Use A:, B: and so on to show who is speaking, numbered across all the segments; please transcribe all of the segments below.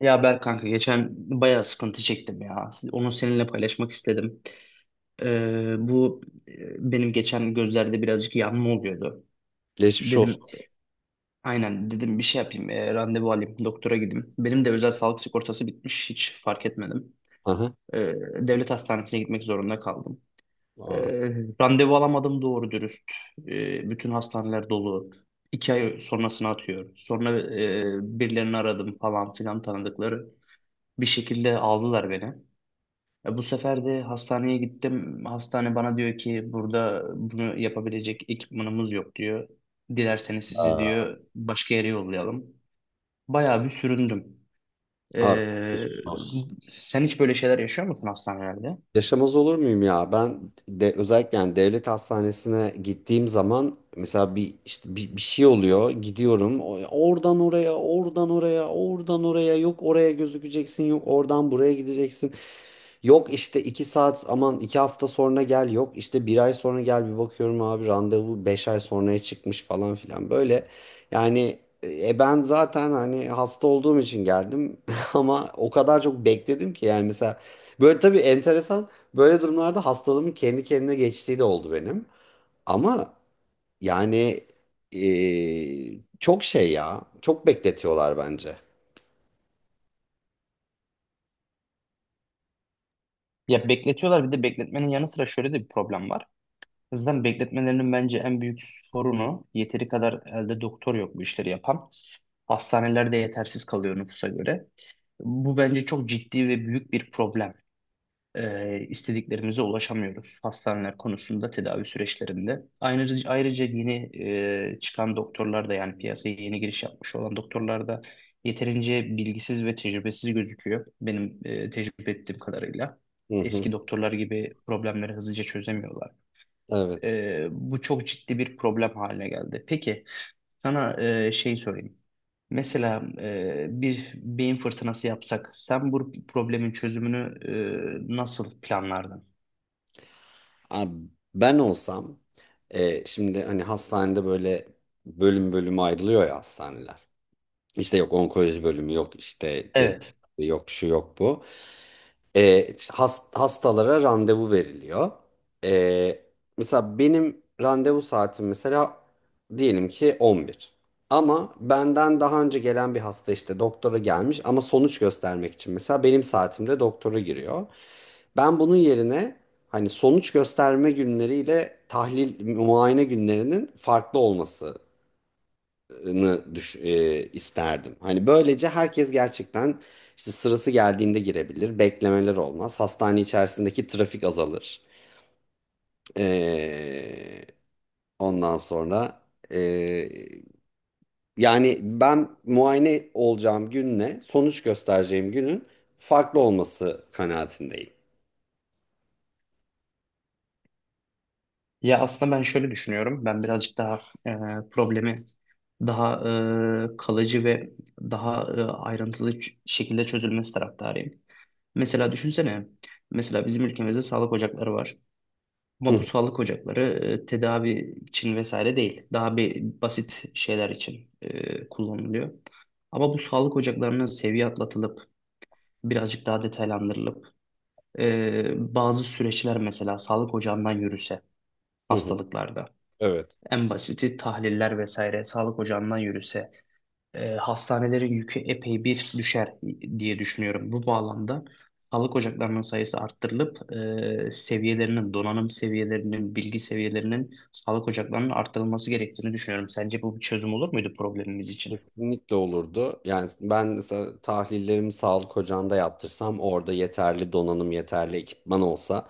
A: Ya Berk kanka, geçen bayağı sıkıntı çektim ya. Onu seninle paylaşmak istedim. Ee, bu benim geçen gözlerde birazcık yanma oluyordu.
B: Geçmiş olsun.
A: Dedim aynen dedim bir şey yapayım, randevu alayım doktora gideyim. Benim de özel sağlık sigortası bitmiş, hiç fark etmedim.
B: Aha.
A: Ee, devlet hastanesine gitmek zorunda kaldım.
B: Aa.
A: Ee, randevu alamadım doğru dürüst. Bütün hastaneler dolu. 2 ay sonrasını atıyor. Sonra birilerini aradım, falan filan tanıdıkları. Bir şekilde aldılar beni. Bu sefer de hastaneye gittim. Hastane bana diyor ki, burada bunu yapabilecek ekipmanımız yok diyor. Dilerseniz sizi
B: Aa,
A: diyor başka yere yollayalım. Bayağı bir süründüm.
B: Abi,
A: E,
B: geçmiş olsun.
A: sen hiç böyle şeyler yaşıyor musun hastanelerde?
B: Yaşamaz olur muyum ya? Ben de özellikle yani devlet hastanesine gittiğim zaman mesela bir işte bir şey oluyor. Gidiyorum oradan oraya, oradan oraya, oradan oraya. Yok oraya gözükeceksin, yok oradan buraya gideceksin. Yok işte iki saat aman iki hafta sonra gel yok işte bir ay sonra gel bir bakıyorum abi randevu beş ay sonraya çıkmış falan filan böyle yani ben zaten hani hasta olduğum için geldim ama o kadar çok bekledim ki yani mesela böyle tabii enteresan böyle durumlarda hastalığımın kendi kendine geçtiği de oldu benim ama yani çok şey ya çok bekletiyorlar bence.
A: Ya, bekletiyorlar, bir de bekletmenin yanı sıra şöyle de bir problem var. O yüzden bekletmelerinin bence en büyük sorunu, yeteri kadar elde doktor yok bu işleri yapan. Hastanelerde yetersiz kalıyor nüfusa göre. Bu bence çok ciddi ve büyük bir problem. E, istediklerimize ulaşamıyoruz hastaneler konusunda, tedavi süreçlerinde. Ayrıca yeni çıkan doktorlar da, yani piyasaya yeni giriş yapmış olan doktorlar da, yeterince bilgisiz ve tecrübesiz gözüküyor benim tecrübe ettiğim kadarıyla.
B: Hı hı,
A: Eski doktorlar gibi problemleri hızlıca çözemiyorlar.
B: evet.
A: Bu çok ciddi bir problem haline geldi. Peki sana, sorayım. Mesela bir beyin fırtınası yapsak, sen bu problemin çözümünü nasıl planlardın?
B: Abi ben olsam şimdi hani hastanede böyle bölüm bölüm ayrılıyor ya hastaneler. İşte yok onkoloji bölümü yok işte
A: Evet.
B: pediatri yok şu yok bu. İşte hastalara randevu veriliyor. E, mesela benim randevu saatim mesela diyelim ki 11. Ama benden daha önce gelen bir hasta işte doktora gelmiş ama sonuç göstermek için mesela benim saatimde doktora giriyor. Ben bunun yerine hani sonuç gösterme günleriyle tahlil muayene günlerinin farklı olması isterdim. Hani böylece herkes gerçekten işte sırası geldiğinde girebilir, beklemeler olmaz, hastane içerisindeki trafik azalır. Ee, ondan sonra ee, yani ben muayene olacağım günle sonuç göstereceğim günün farklı olması kanaatindeyim.
A: Ya aslında ben şöyle düşünüyorum. Ben birazcık daha problemi, daha kalıcı ve daha ayrıntılı şekilde çözülmesi taraftarıyım. Mesela düşünsene, mesela bizim ülkemizde sağlık ocakları var.
B: Hı
A: Ama bu
B: hı,
A: sağlık ocakları tedavi için vesaire değil. Daha bir basit şeyler için kullanılıyor. Ama bu sağlık ocaklarının seviye atlatılıp, birazcık daha detaylandırılıp, bazı süreçler mesela sağlık ocağından yürüse
B: hı hı.
A: hastalıklarda.
B: Evet.
A: En basiti tahliller vesaire sağlık ocağından yürüse, hastanelerin yükü epey bir düşer diye düşünüyorum. Bu bağlamda sağlık ocaklarının sayısı arttırılıp, seviyelerinin, donanım seviyelerinin, bilgi seviyelerinin, sağlık ocaklarının arttırılması gerektiğini düşünüyorum. Sence bu bir çözüm olur muydu problemimiz için?
B: Kesinlikle olurdu. Yani ben mesela tahlillerimi sağlık ocağında yaptırsam orada yeterli donanım, yeterli ekipman olsa.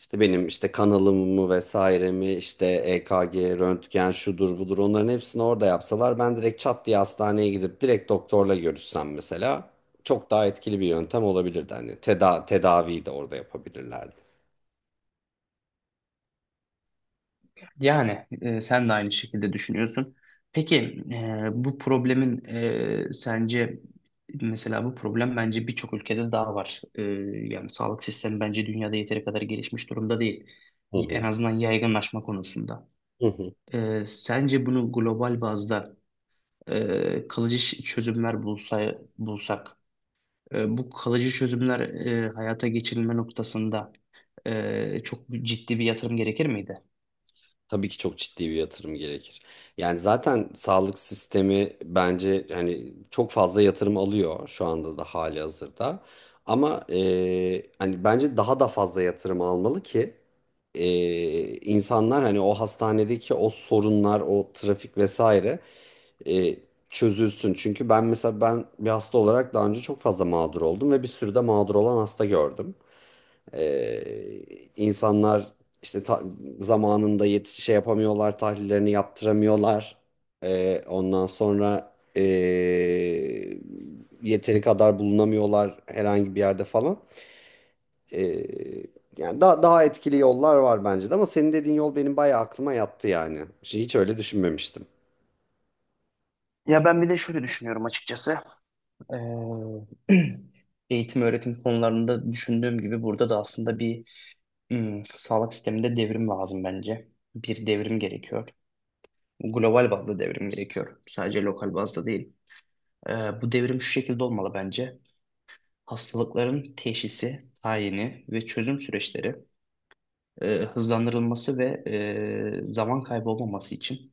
B: İşte benim işte kanalımı vesairemi işte EKG, röntgen şudur budur onların hepsini orada yapsalar ben direkt çat diye hastaneye gidip direkt doktorla görüşsem mesela çok daha etkili bir yöntem olabilirdi. Hani tedaviyi de orada yapabilirlerdi.
A: Yani sen de aynı şekilde düşünüyorsun. Peki bu problemin, sence, mesela bu problem bence birçok ülkede daha var. Yani sağlık sistemi bence dünyada yeteri kadar gelişmiş durumda değil.
B: Hı
A: En
B: hı.
A: azından yaygınlaşma konusunda.
B: Hı hı.
A: Sence bunu global bazda kalıcı çözümler bulsak, bu kalıcı çözümler hayata geçirilme noktasında, çok ciddi bir yatırım gerekir miydi?
B: Tabii ki çok ciddi bir yatırım gerekir. Yani zaten sağlık sistemi bence hani çok fazla yatırım alıyor şu anda da hali hazırda. Ama hani bence daha da fazla yatırım almalı ki insanlar hani o hastanedeki o sorunlar, o trafik vesaire e, çözülsün. Çünkü ben mesela ben bir hasta olarak daha önce çok fazla mağdur oldum ve bir sürü de mağdur olan hasta gördüm. Ee, insanlar işte zamanında şey yapamıyorlar, tahlillerini yaptıramıyorlar. Ondan sonra yeteri kadar bulunamıyorlar herhangi bir yerde falan. Ee, yani daha daha etkili yollar var bence de ama senin dediğin yol benim bayağı aklıma yattı yani. Şey, hiç öyle düşünmemiştim.
A: Ya ben bir de şöyle düşünüyorum açıkçası. Ee, Eğitim öğretim konularında düşündüğüm gibi, burada da aslında bir, sağlık sisteminde devrim lazım bence. Bir devrim gerekiyor. Global bazda devrim gerekiyor, sadece lokal bazda değil. Bu devrim şu şekilde olmalı bence. Hastalıkların teşhisi, tayini ve çözüm süreçleri hızlandırılması ve zaman kaybı olmaması için,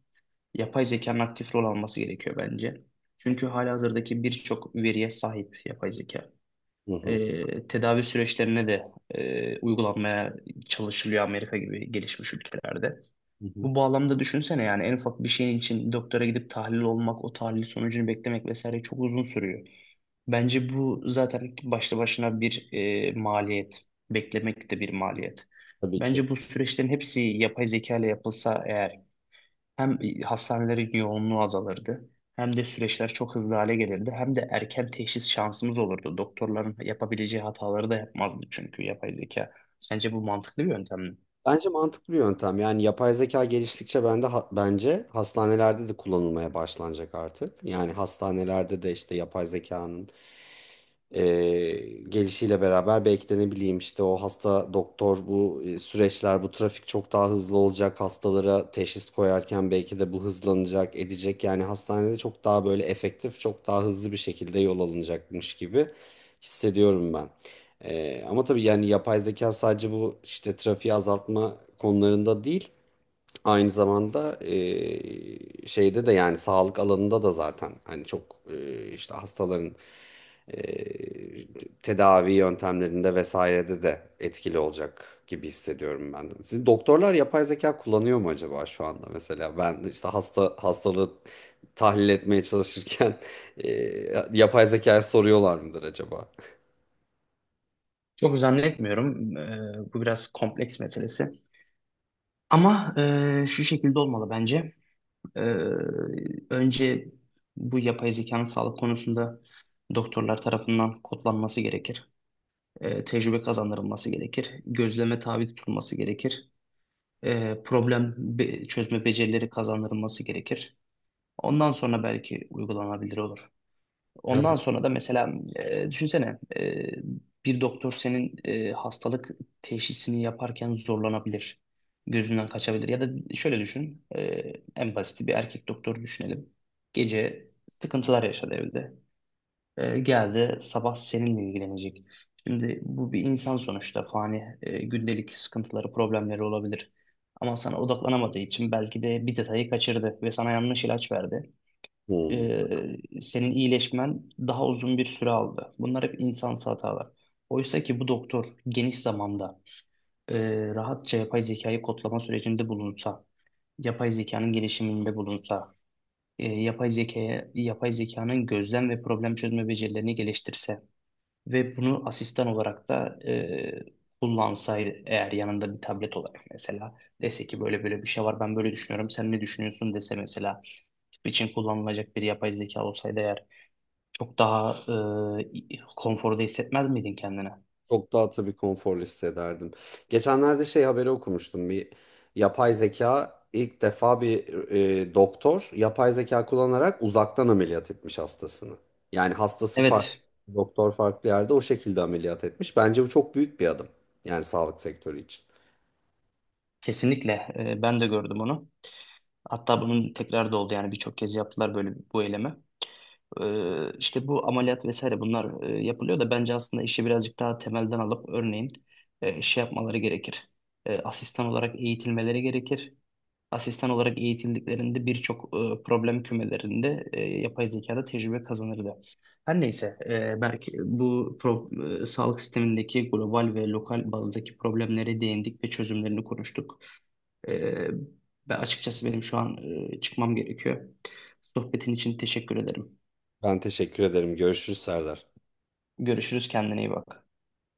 A: yapay zekanın aktif rol alması gerekiyor bence. Çünkü halihazırdaki birçok veriye sahip yapay zeka.
B: Hı hı,
A: Tedavi süreçlerine de uygulanmaya çalışılıyor Amerika gibi gelişmiş ülkelerde.
B: hı hı.
A: Bu bağlamda düşünsene, yani en ufak bir şeyin için doktora gidip tahlil olmak, o tahlil sonucunu beklemek vesaire çok uzun sürüyor. Bence bu zaten başlı başına bir maliyet. Beklemek de bir maliyet.
B: Tabii ki.
A: Bence bu süreçlerin hepsi yapay zeka ile yapılsa eğer, hem hastanelerin yoğunluğu azalırdı, hem de süreçler çok hızlı hale gelirdi, hem de erken teşhis şansımız olurdu. Doktorların yapabileceği hataları da yapmazdı, çünkü yapay zeka. Sence bu mantıklı bir yöntem mi?
B: Bence mantıklı bir yöntem. Yani yapay zeka geliştikçe ben de bence hastanelerde de kullanılmaya başlanacak artık. Yani hastanelerde de işte yapay zekanın e, gelişiyle beraber belki de ne bileyim işte o hasta doktor bu süreçler bu trafik çok daha hızlı olacak hastalara teşhis koyarken belki de bu hızlanacak edecek yani hastanede çok daha böyle efektif çok daha hızlı bir şekilde yol alınacakmış gibi hissediyorum ben. Ama tabii yani yapay zeka sadece bu işte trafiği azaltma konularında değil. Aynı zamanda şeyde de yani sağlık alanında da zaten hani çok işte hastaların eee, tedavi yöntemlerinde vesairede de etkili olacak gibi hissediyorum ben de. Sizin doktorlar yapay zeka kullanıyor mu acaba şu anda mesela? Ben işte hasta hastalığı tahlil etmeye çalışırken yapay zekaya soruyorlar mıdır acaba?
A: Çok zannetmiyorum. Bu biraz kompleks meselesi. Ama şu şekilde olmalı bence. Ee, önce bu yapay zekanın sağlık konusunda, doktorlar tarafından kodlanması gerekir. Tecrübe kazandırılması gerekir. Gözleme tabi tutulması gerekir. Problem çözme becerileri kazandırılması gerekir. Ondan sonra belki uygulanabilir olur. Ondan
B: Evet.
A: sonra da mesela, düşünsene, bir doktor senin hastalık teşhisini yaparken zorlanabilir. Gözünden kaçabilir. Ya da şöyle düşün. En basit bir erkek doktor düşünelim. Gece sıkıntılar yaşadı evde. Geldi sabah seninle ilgilenecek. Şimdi bu bir insan sonuçta, fani, gündelik sıkıntıları, problemleri olabilir. Ama sana odaklanamadığı için belki de bir detayı kaçırdı ve sana yanlış ilaç verdi.
B: Hmm.
A: Senin iyileşmen daha uzun bir süre aldı. Bunlar hep insansı hatalar. Oysa ki bu doktor geniş zamanda, e, rahatça yapay zekayı kodlama sürecinde bulunsa, yapay zekanın gelişiminde bulunsa, yapay zekaya, yapay zekanın gözlem ve problem çözme becerilerini geliştirse, ve bunu asistan olarak da kullansaydı eğer, yanında bir tablet olarak mesela, dese ki böyle böyle bir şey var, ben böyle düşünüyorum sen ne düşünüyorsun dese mesela, tip için kullanılacak bir yapay zeka olsaydı eğer, çok daha konforda hissetmez miydin kendine?
B: Çok daha tabii konforlu hissederdim. Geçenlerde şey haberi okumuştum. Bir yapay zeka ilk defa bir doktor yapay zeka kullanarak uzaktan ameliyat etmiş hastasını. Yani hastası farklı,
A: Evet,
B: doktor farklı yerde o şekilde ameliyat etmiş. Bence bu çok büyük bir adım. Yani sağlık sektörü için.
A: kesinlikle. Ben de gördüm onu. Hatta bunun tekrar da oldu, yani birçok kez yaptılar böyle bu eylemi. İşte bu ameliyat vesaire bunlar yapılıyor da, bence aslında işi birazcık daha temelden alıp, örneğin yapmaları gerekir. Asistan olarak eğitilmeleri gerekir. Asistan olarak eğitildiklerinde birçok problem kümelerinde, yapay zekada tecrübe kazanırdı. Her neyse, belki bu sağlık sistemindeki global ve lokal bazdaki problemlere değindik ve çözümlerini konuştuk. E, ve açıkçası benim şu an çıkmam gerekiyor. Sohbetin için teşekkür ederim.
B: Ben teşekkür ederim. Görüşürüz Serdar.
A: Görüşürüz, kendine iyi bak.